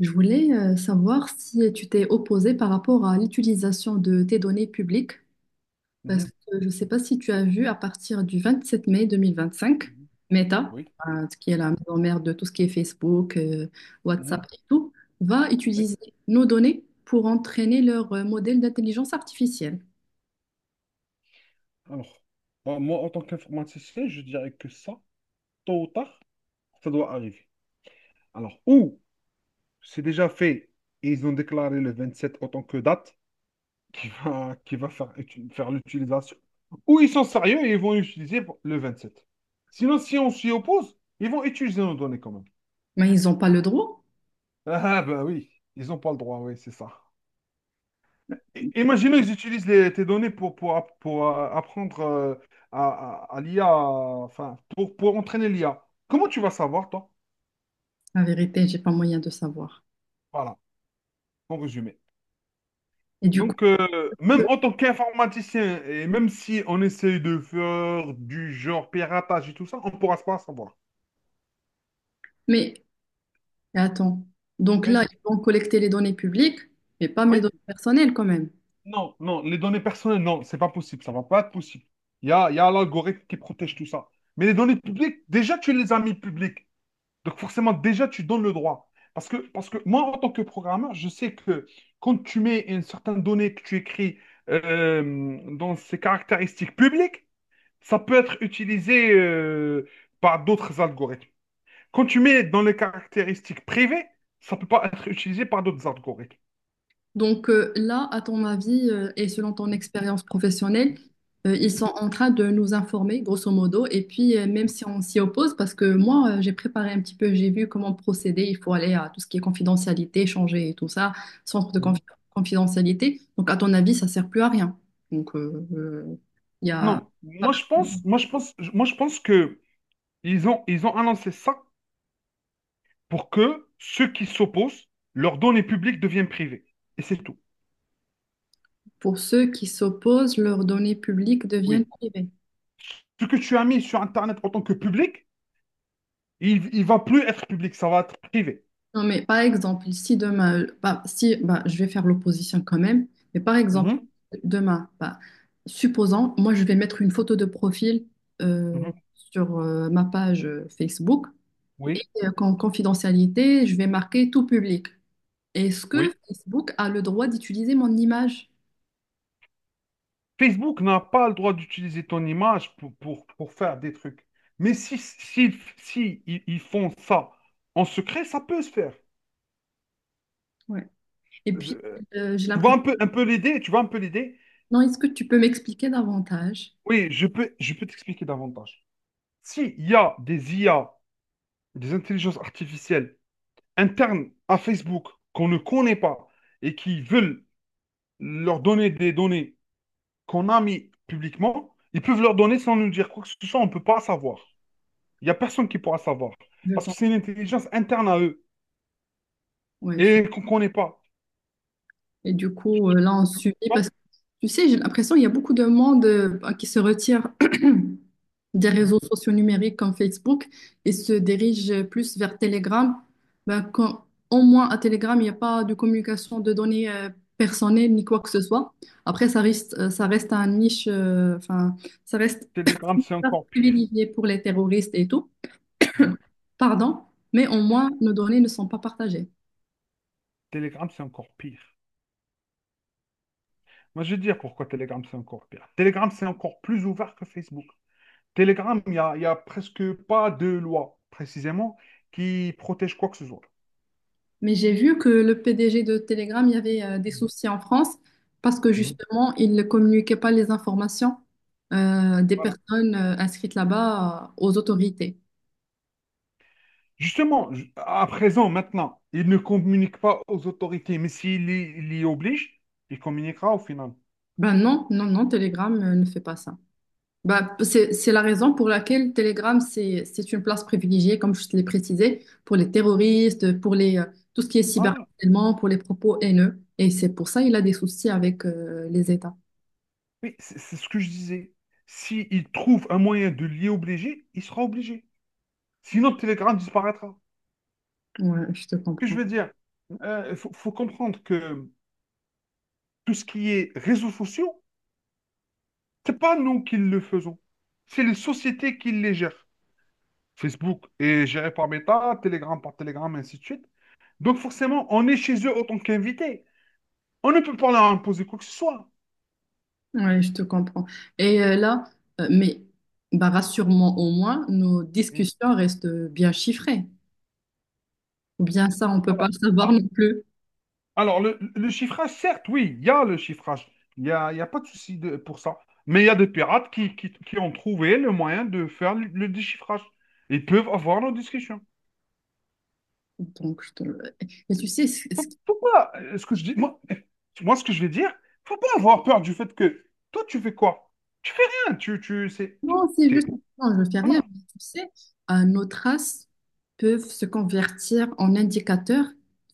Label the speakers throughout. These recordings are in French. Speaker 1: Je voulais savoir si tu t'es opposé par rapport à l'utilisation de tes données publiques, parce
Speaker 2: Mhm,
Speaker 1: que je ne sais pas si tu as vu à partir du 27 mai 2025,
Speaker 2: mhm.
Speaker 1: Meta,
Speaker 2: Oui,
Speaker 1: qui est la
Speaker 2: oui,
Speaker 1: maison mère de tout ce qui est Facebook,
Speaker 2: mhm,
Speaker 1: WhatsApp et tout, va
Speaker 2: oui.
Speaker 1: utiliser nos données pour entraîner leur modèle d'intelligence artificielle.
Speaker 2: Alors, bah, moi, en tant qu'informaticien, je dirais que ça, tôt ou tard, ça doit arriver. Alors, ou c'est déjà fait et ils ont déclaré le 27 en tant que date qui va faire, faire l'utilisation, ou ils sont sérieux et ils vont utiliser le sept. Sinon, si on s'y oppose, ils vont utiliser nos données quand même.
Speaker 1: Mais ils n'ont pas le droit.
Speaker 2: Ah, ben oui, ils n'ont pas le droit, oui, c'est ça. Imaginons, ils utilisent tes données pour apprendre à, à l'IA, enfin, pour entraîner l'IA. Comment tu vas savoir, toi?
Speaker 1: La vérité, j'ai pas moyen de savoir.
Speaker 2: Voilà, en résumé.
Speaker 1: Et du coup,
Speaker 2: Donc,
Speaker 1: euh,
Speaker 2: même en tant qu'informaticien, et même si on essaye de faire du genre piratage et tout ça, on ne pourra pas savoir.
Speaker 1: mais attends, donc là,
Speaker 2: Oui,
Speaker 1: ils vont collecter les données publiques, mais pas mes
Speaker 2: oui,
Speaker 1: données personnelles quand même.
Speaker 2: non, non, les données personnelles, non, c'est pas possible, ça va pas être possible. Il y a l'algorithme qui protège tout ça. Mais les données publiques, déjà, tu les as mis publiques. Donc forcément, déjà, tu donnes le droit. Parce que moi, en tant que programmeur, je sais que quand tu mets une certaine donnée que tu écris dans ses caractéristiques publiques, ça peut être utilisé par d'autres algorithmes. Quand tu mets dans les caractéristiques privées, ça ne peut pas être utilisé par d'autres algorithmes.
Speaker 1: Donc là, à ton avis et selon ton expérience professionnelle, ils sont en train de nous informer, grosso modo. Et puis, même si on s'y oppose, parce que moi, j'ai préparé un petit peu, j'ai vu comment procéder. Il faut aller à tout ce qui est confidentialité, changer et tout ça, centre de confi-
Speaker 2: Mhm.
Speaker 1: confidentialité. Donc, à ton avis, ça sert plus à rien. Donc, il y a,
Speaker 2: Non, moi je pense, moi je pense, moi je pense que ils ont annoncé ça pour que ceux qui s'opposent, leurs données publiques deviennent privées. Et c'est tout.
Speaker 1: pour ceux qui s'opposent, leurs données publiques deviennent
Speaker 2: Oui,
Speaker 1: privées.
Speaker 2: ce que tu as mis sur Internet en tant que public, il ne va plus être public, ça va être privé.
Speaker 1: Non, mais par exemple, si demain, bah, si, bah, je vais faire l'opposition quand même, mais par exemple,
Speaker 2: Mhm,
Speaker 1: demain, bah, supposons, moi, je vais mettre une photo de profil
Speaker 2: mhm.
Speaker 1: sur ma page Facebook, et
Speaker 2: Oui,
Speaker 1: qu'en confidentialité, je vais marquer tout public. Est-ce que
Speaker 2: oui.
Speaker 1: Facebook a le droit d'utiliser mon image?
Speaker 2: Facebook n'a pas le droit d'utiliser ton image pour faire des trucs. Mais si ils font ça en secret, ça peut se faire.
Speaker 1: Ouais. Et puis,
Speaker 2: Euh,
Speaker 1: j'ai
Speaker 2: Tu vois
Speaker 1: l'impression,
Speaker 2: un peu l'idée, tu vois un peu l'idée.
Speaker 1: non, est-ce que tu peux m'expliquer davantage?
Speaker 2: Oui, je peux t'expliquer davantage. S'il y a des IA, des intelligences artificielles internes à Facebook qu'on ne connaît pas et qui veulent leur donner des données qu'on a mis publiquement, ils peuvent leur donner sans nous dire quoi que ce soit, on ne peut pas savoir. Il n'y a personne qui pourra savoir.
Speaker 1: Je
Speaker 2: Parce que
Speaker 1: pense.
Speaker 2: c'est une intelligence interne à eux
Speaker 1: Ouais, je-
Speaker 2: et qu'on ne connaît pas.
Speaker 1: Et du coup, là, on
Speaker 2: Tu
Speaker 1: subit
Speaker 2: vois.
Speaker 1: parce que, tu sais, j'ai l'impression qu'il y a beaucoup de monde qui se retire des
Speaker 2: Mhm.
Speaker 1: réseaux sociaux numériques comme Facebook et se dirigent plus vers Telegram. Ben, quand, au moins à Telegram, il n'y a pas de communication de données personnelles ni quoi que ce soit. Après, ça reste un niche, enfin, ça reste
Speaker 2: Telegram, c'est encore pire.
Speaker 1: privilégié pour les terroristes et tout,
Speaker 2: Ouais.
Speaker 1: pardon, mais au moins nos données ne sont pas partagées.
Speaker 2: Telegram, c'est encore pire. Moi, je vais dire pourquoi Telegram, c'est encore pire. Telegram, c'est encore plus ouvert que Facebook. Telegram, y a presque pas de loi, précisément, qui protège quoi que ce soit.
Speaker 1: Mais j'ai vu que le PDG de Telegram, il y avait des
Speaker 2: Mhm.
Speaker 1: soucis en France parce que
Speaker 2: Mhm.
Speaker 1: justement, il ne communiquait pas les informations des
Speaker 2: Voilà.
Speaker 1: personnes inscrites là-bas aux autorités.
Speaker 2: Justement, à présent, maintenant, il ne communique pas aux autorités, mais s'il y oblige, il communiquera au final.
Speaker 1: Ben non, Telegram ne fait pas ça. Ben, c'est la raison pour laquelle Telegram, c'est une place privilégiée, comme je te l'ai précisé, pour les terroristes, pour les, tout ce qui est
Speaker 2: Voilà.
Speaker 1: cyberharcèlement, pour les propos haineux. Et c'est pour ça qu'il a des soucis avec les États.
Speaker 2: Oui, c'est ce que je disais. S'il trouve un moyen de l'y obliger, il sera obligé. Sinon, Telegram disparaîtra.
Speaker 1: Ouais, je te
Speaker 2: Ce que
Speaker 1: comprends.
Speaker 2: je veux dire, il faut comprendre que tout ce qui est réseaux sociaux, c'est pas nous qui le faisons. C'est les sociétés qui les gèrent. Facebook est géré par Meta, Telegram par Telegram, ainsi de suite. Donc forcément, on est chez eux en tant qu'invité. On ne peut pas leur imposer quoi que ce soit.
Speaker 1: Oui, je te comprends. Et là, euh, mais bah, rassure-moi au moins, nos
Speaker 2: Mm.
Speaker 1: discussions restent bien chiffrées. Ou bien ça, on peut pas savoir
Speaker 2: Ah,
Speaker 1: non plus.
Speaker 2: alors, le chiffrage, certes, oui, il y a le chiffrage. Il y a pas de souci pour ça. Mais il y a des pirates qui ont trouvé le moyen de faire le déchiffrage. Ils peuvent avoir nos discussions.
Speaker 1: Donc, je te- Et tu sais, ce,
Speaker 2: Faut pas, ce que je dis, moi, moi, ce que je vais dire, faut pas avoir peur du fait que toi, tu fais quoi? Tu fais rien. C'est,
Speaker 1: Non, c'est juste,
Speaker 2: t'es,
Speaker 1: non, je ne fais rien.
Speaker 2: voilà.
Speaker 1: Mais tu sais, nos traces peuvent se convertir en indicateurs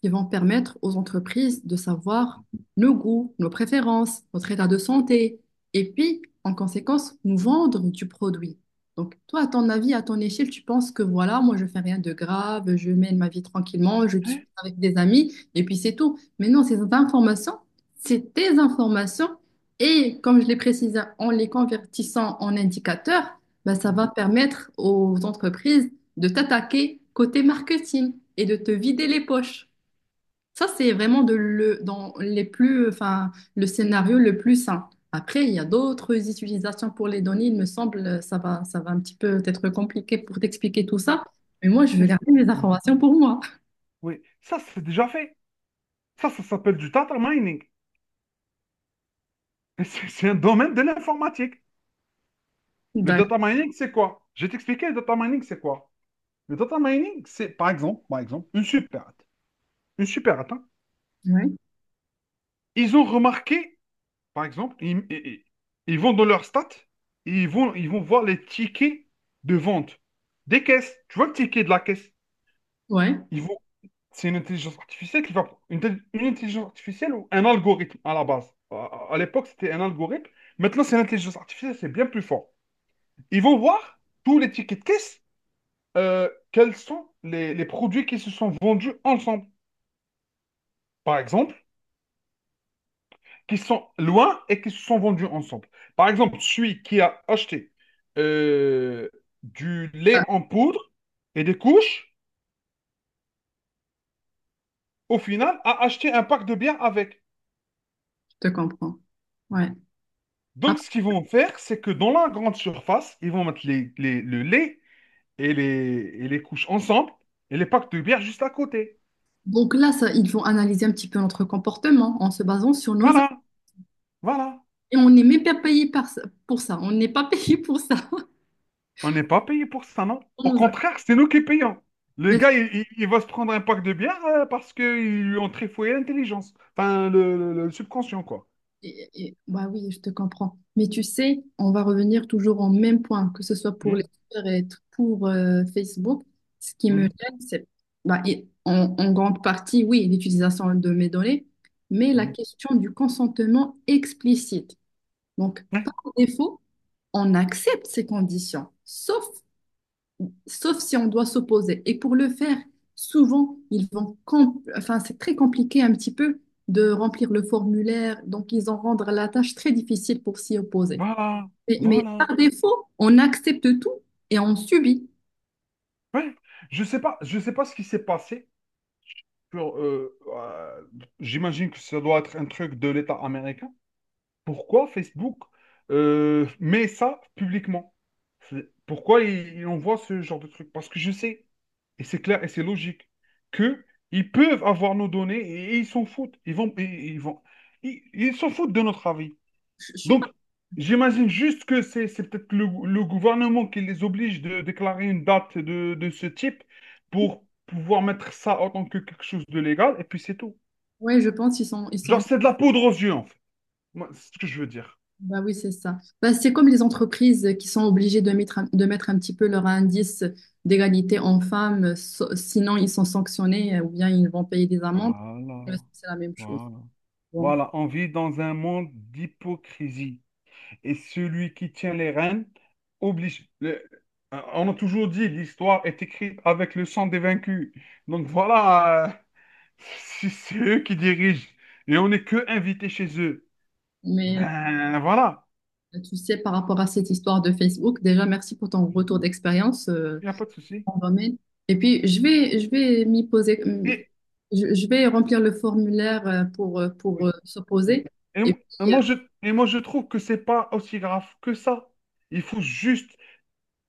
Speaker 1: qui vont permettre aux entreprises de savoir nos goûts, nos préférences, notre état de santé, et puis, en conséquence, nous vendre du produit. Donc, toi, à ton avis, à ton échelle, tu penses que voilà, moi, je fais rien de grave, je mène ma vie tranquillement, je suis avec des amis, et puis c'est tout. Mais non, ces informations, c'est tes informations et comme je l'ai précisé, en les convertissant en indicateurs, ben, ça va permettre aux entreprises de t'attaquer côté marketing et de te vider les poches. Ça, c'est vraiment dans les plus, enfin, le scénario le plus sain. Après, il y a d'autres utilisations pour les données. Il me semble, ça va un petit peu être compliqué pour t'expliquer tout ça. Mais moi, je veux
Speaker 2: Mais c'est-
Speaker 1: garder mes
Speaker 2: Mm.
Speaker 1: informations pour moi.
Speaker 2: Oui, ça, c'est déjà fait. Ça s'appelle du data mining. Et c'est un domaine de l'informatique. Le
Speaker 1: D'accord.
Speaker 2: data mining, c'est quoi? Je vais t'expliquer le data mining, c'est quoi? Le data mining, c'est par exemple, une superette. Une superette, hein.
Speaker 1: Ouais.
Speaker 2: Ils ont remarqué, par exemple, ils vont dans leurs stats, et ils vont voir les tickets de vente des caisses. Tu vois le ticket de la caisse?
Speaker 1: Ouais.
Speaker 2: Ils vont, c'est une intelligence artificielle qui va. Une intelligence artificielle ou un algorithme à la base. À l'époque, c'était un algorithme. Maintenant, c'est l'intelligence artificielle, c'est bien plus fort. Ils vont voir tous les tickets de caisse quels sont les produits qui se sont vendus ensemble. Par exemple, qui sont loin et qui se sont vendus ensemble. Par exemple, celui qui a acheté euh, du
Speaker 1: Ah,
Speaker 2: lait en poudre et des couches, au final, a acheté un pack de bière avec.
Speaker 1: je te comprends. Ouais.
Speaker 2: Donc, ce qu'ils vont faire, c'est que dans la grande surface, ils vont mettre le lait et les couches ensemble et les packs de bière juste à côté.
Speaker 1: Donc là, ça, ils vont analyser un petit peu notre comportement en se basant sur nos actes.
Speaker 2: Voilà, voilà.
Speaker 1: Et on n'est même pas pour ça. On n'est pas payé pour ça.
Speaker 2: On n'est pas payé pour ça, non?
Speaker 1: On
Speaker 2: Au
Speaker 1: nous a-
Speaker 2: contraire, c'est nous qui payons. Le
Speaker 1: Mais-
Speaker 2: gars, il va se prendre un pack de bière parce qu'ils lui ont trifouillé l'intelligence. Enfin, le subconscient, quoi.
Speaker 1: bah oui, je te comprends. Mais tu sais, on va revenir toujours au même point, que ce soit pour les
Speaker 2: Mhm,
Speaker 1: Twitter pour Facebook. Ce qui me
Speaker 2: mhm,
Speaker 1: gêne, c'est bah, et en grande partie, oui, l'utilisation de mes données, mais la
Speaker 2: mhm.
Speaker 1: question du consentement explicite. Donc,
Speaker 2: Ouais,
Speaker 1: par défaut, on accepte ces conditions, sauf si on doit s'opposer. Et pour le faire, souvent, enfin, c'est très compliqué un petit peu de remplir le formulaire, donc ils en rendent la tâche très difficile pour s'y opposer.
Speaker 2: voilà,
Speaker 1: Mais
Speaker 2: voilà.
Speaker 1: par défaut, on accepte tout et on subit.
Speaker 2: Ouais. Je sais pas ce qui s'est passé. sur, euh, euh, J'imagine que ça doit être un truc de l'État américain. Pourquoi Facebook met ça publiquement? Pourquoi il envoie ce genre de truc? Parce que je sais. Et c'est clair et c'est logique que ils peuvent avoir nos données et, ils s'en foutent. Ils vont, ils s'en foutent de notre avis.
Speaker 1: Je suis pas.
Speaker 2: Donc, j'imagine juste que c'est peut-être le gouvernement qui les oblige de déclarer une date de ce type pour pouvoir mettre ça en tant que quelque chose de légal et puis c'est tout.
Speaker 1: Ouais, je pense ils
Speaker 2: Genre,
Speaker 1: sont.
Speaker 2: c'est de la poudre aux yeux, en fait. Moi, c'est ce que je veux dire.
Speaker 1: Bah oui, c'est ça. Bah, c'est comme les entreprises qui sont obligées de mettre, de mettre un petit peu leur indice d'égalité en femmes, sinon ils sont sanctionnés ou bien ils vont payer des amendes.
Speaker 2: Voilà,
Speaker 1: C'est la même chose.
Speaker 2: voilà.
Speaker 1: Bon.
Speaker 2: Voilà, on vit dans un monde d'hypocrisie. Et celui qui tient les rênes oblige. On a toujours dit, l'histoire est écrite avec le sang des vaincus. Donc voilà, c'est eux qui dirigent et on n'est que invités chez eux.
Speaker 1: Mais
Speaker 2: Ben voilà,
Speaker 1: tu sais, par rapport à cette histoire de Facebook, déjà, merci pour ton
Speaker 2: il
Speaker 1: retour d'expérience
Speaker 2: n'y a pas de souci.
Speaker 1: en domaine. Et puis, je vais m'y poser,
Speaker 2: Et
Speaker 1: je vais remplir le formulaire pour
Speaker 2: oui, oui.
Speaker 1: s'opposer.
Speaker 2: Et,
Speaker 1: Et
Speaker 2: mo- et
Speaker 1: puis,
Speaker 2: moi je et moi je trouve que c'est pas aussi grave que ça. Il faut juste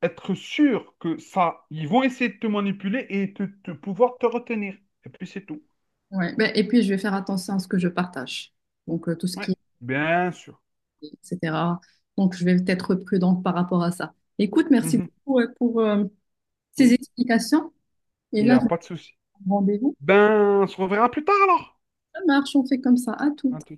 Speaker 2: être sûr que ça, ils vont essayer de te manipuler et de, pouvoir te retenir. Et puis c'est tout.
Speaker 1: ouais, ben, et puis, je vais faire attention à ce que je partage. Donc, tout ce
Speaker 2: Ouais,
Speaker 1: qui
Speaker 2: bien sûr.
Speaker 1: est, etc. Donc, je vais être prudente par rapport à ça. Écoute, merci
Speaker 2: Mhm.
Speaker 1: beaucoup pour ces
Speaker 2: Oui,
Speaker 1: explications. Et
Speaker 2: il n'y
Speaker 1: là,
Speaker 2: a
Speaker 1: je vais
Speaker 2: pas de souci.
Speaker 1: prendre rendez-vous.
Speaker 2: Ben, on se reverra plus tard alors.
Speaker 1: Ça marche, on fait comme ça. À tout.
Speaker 2: À tout.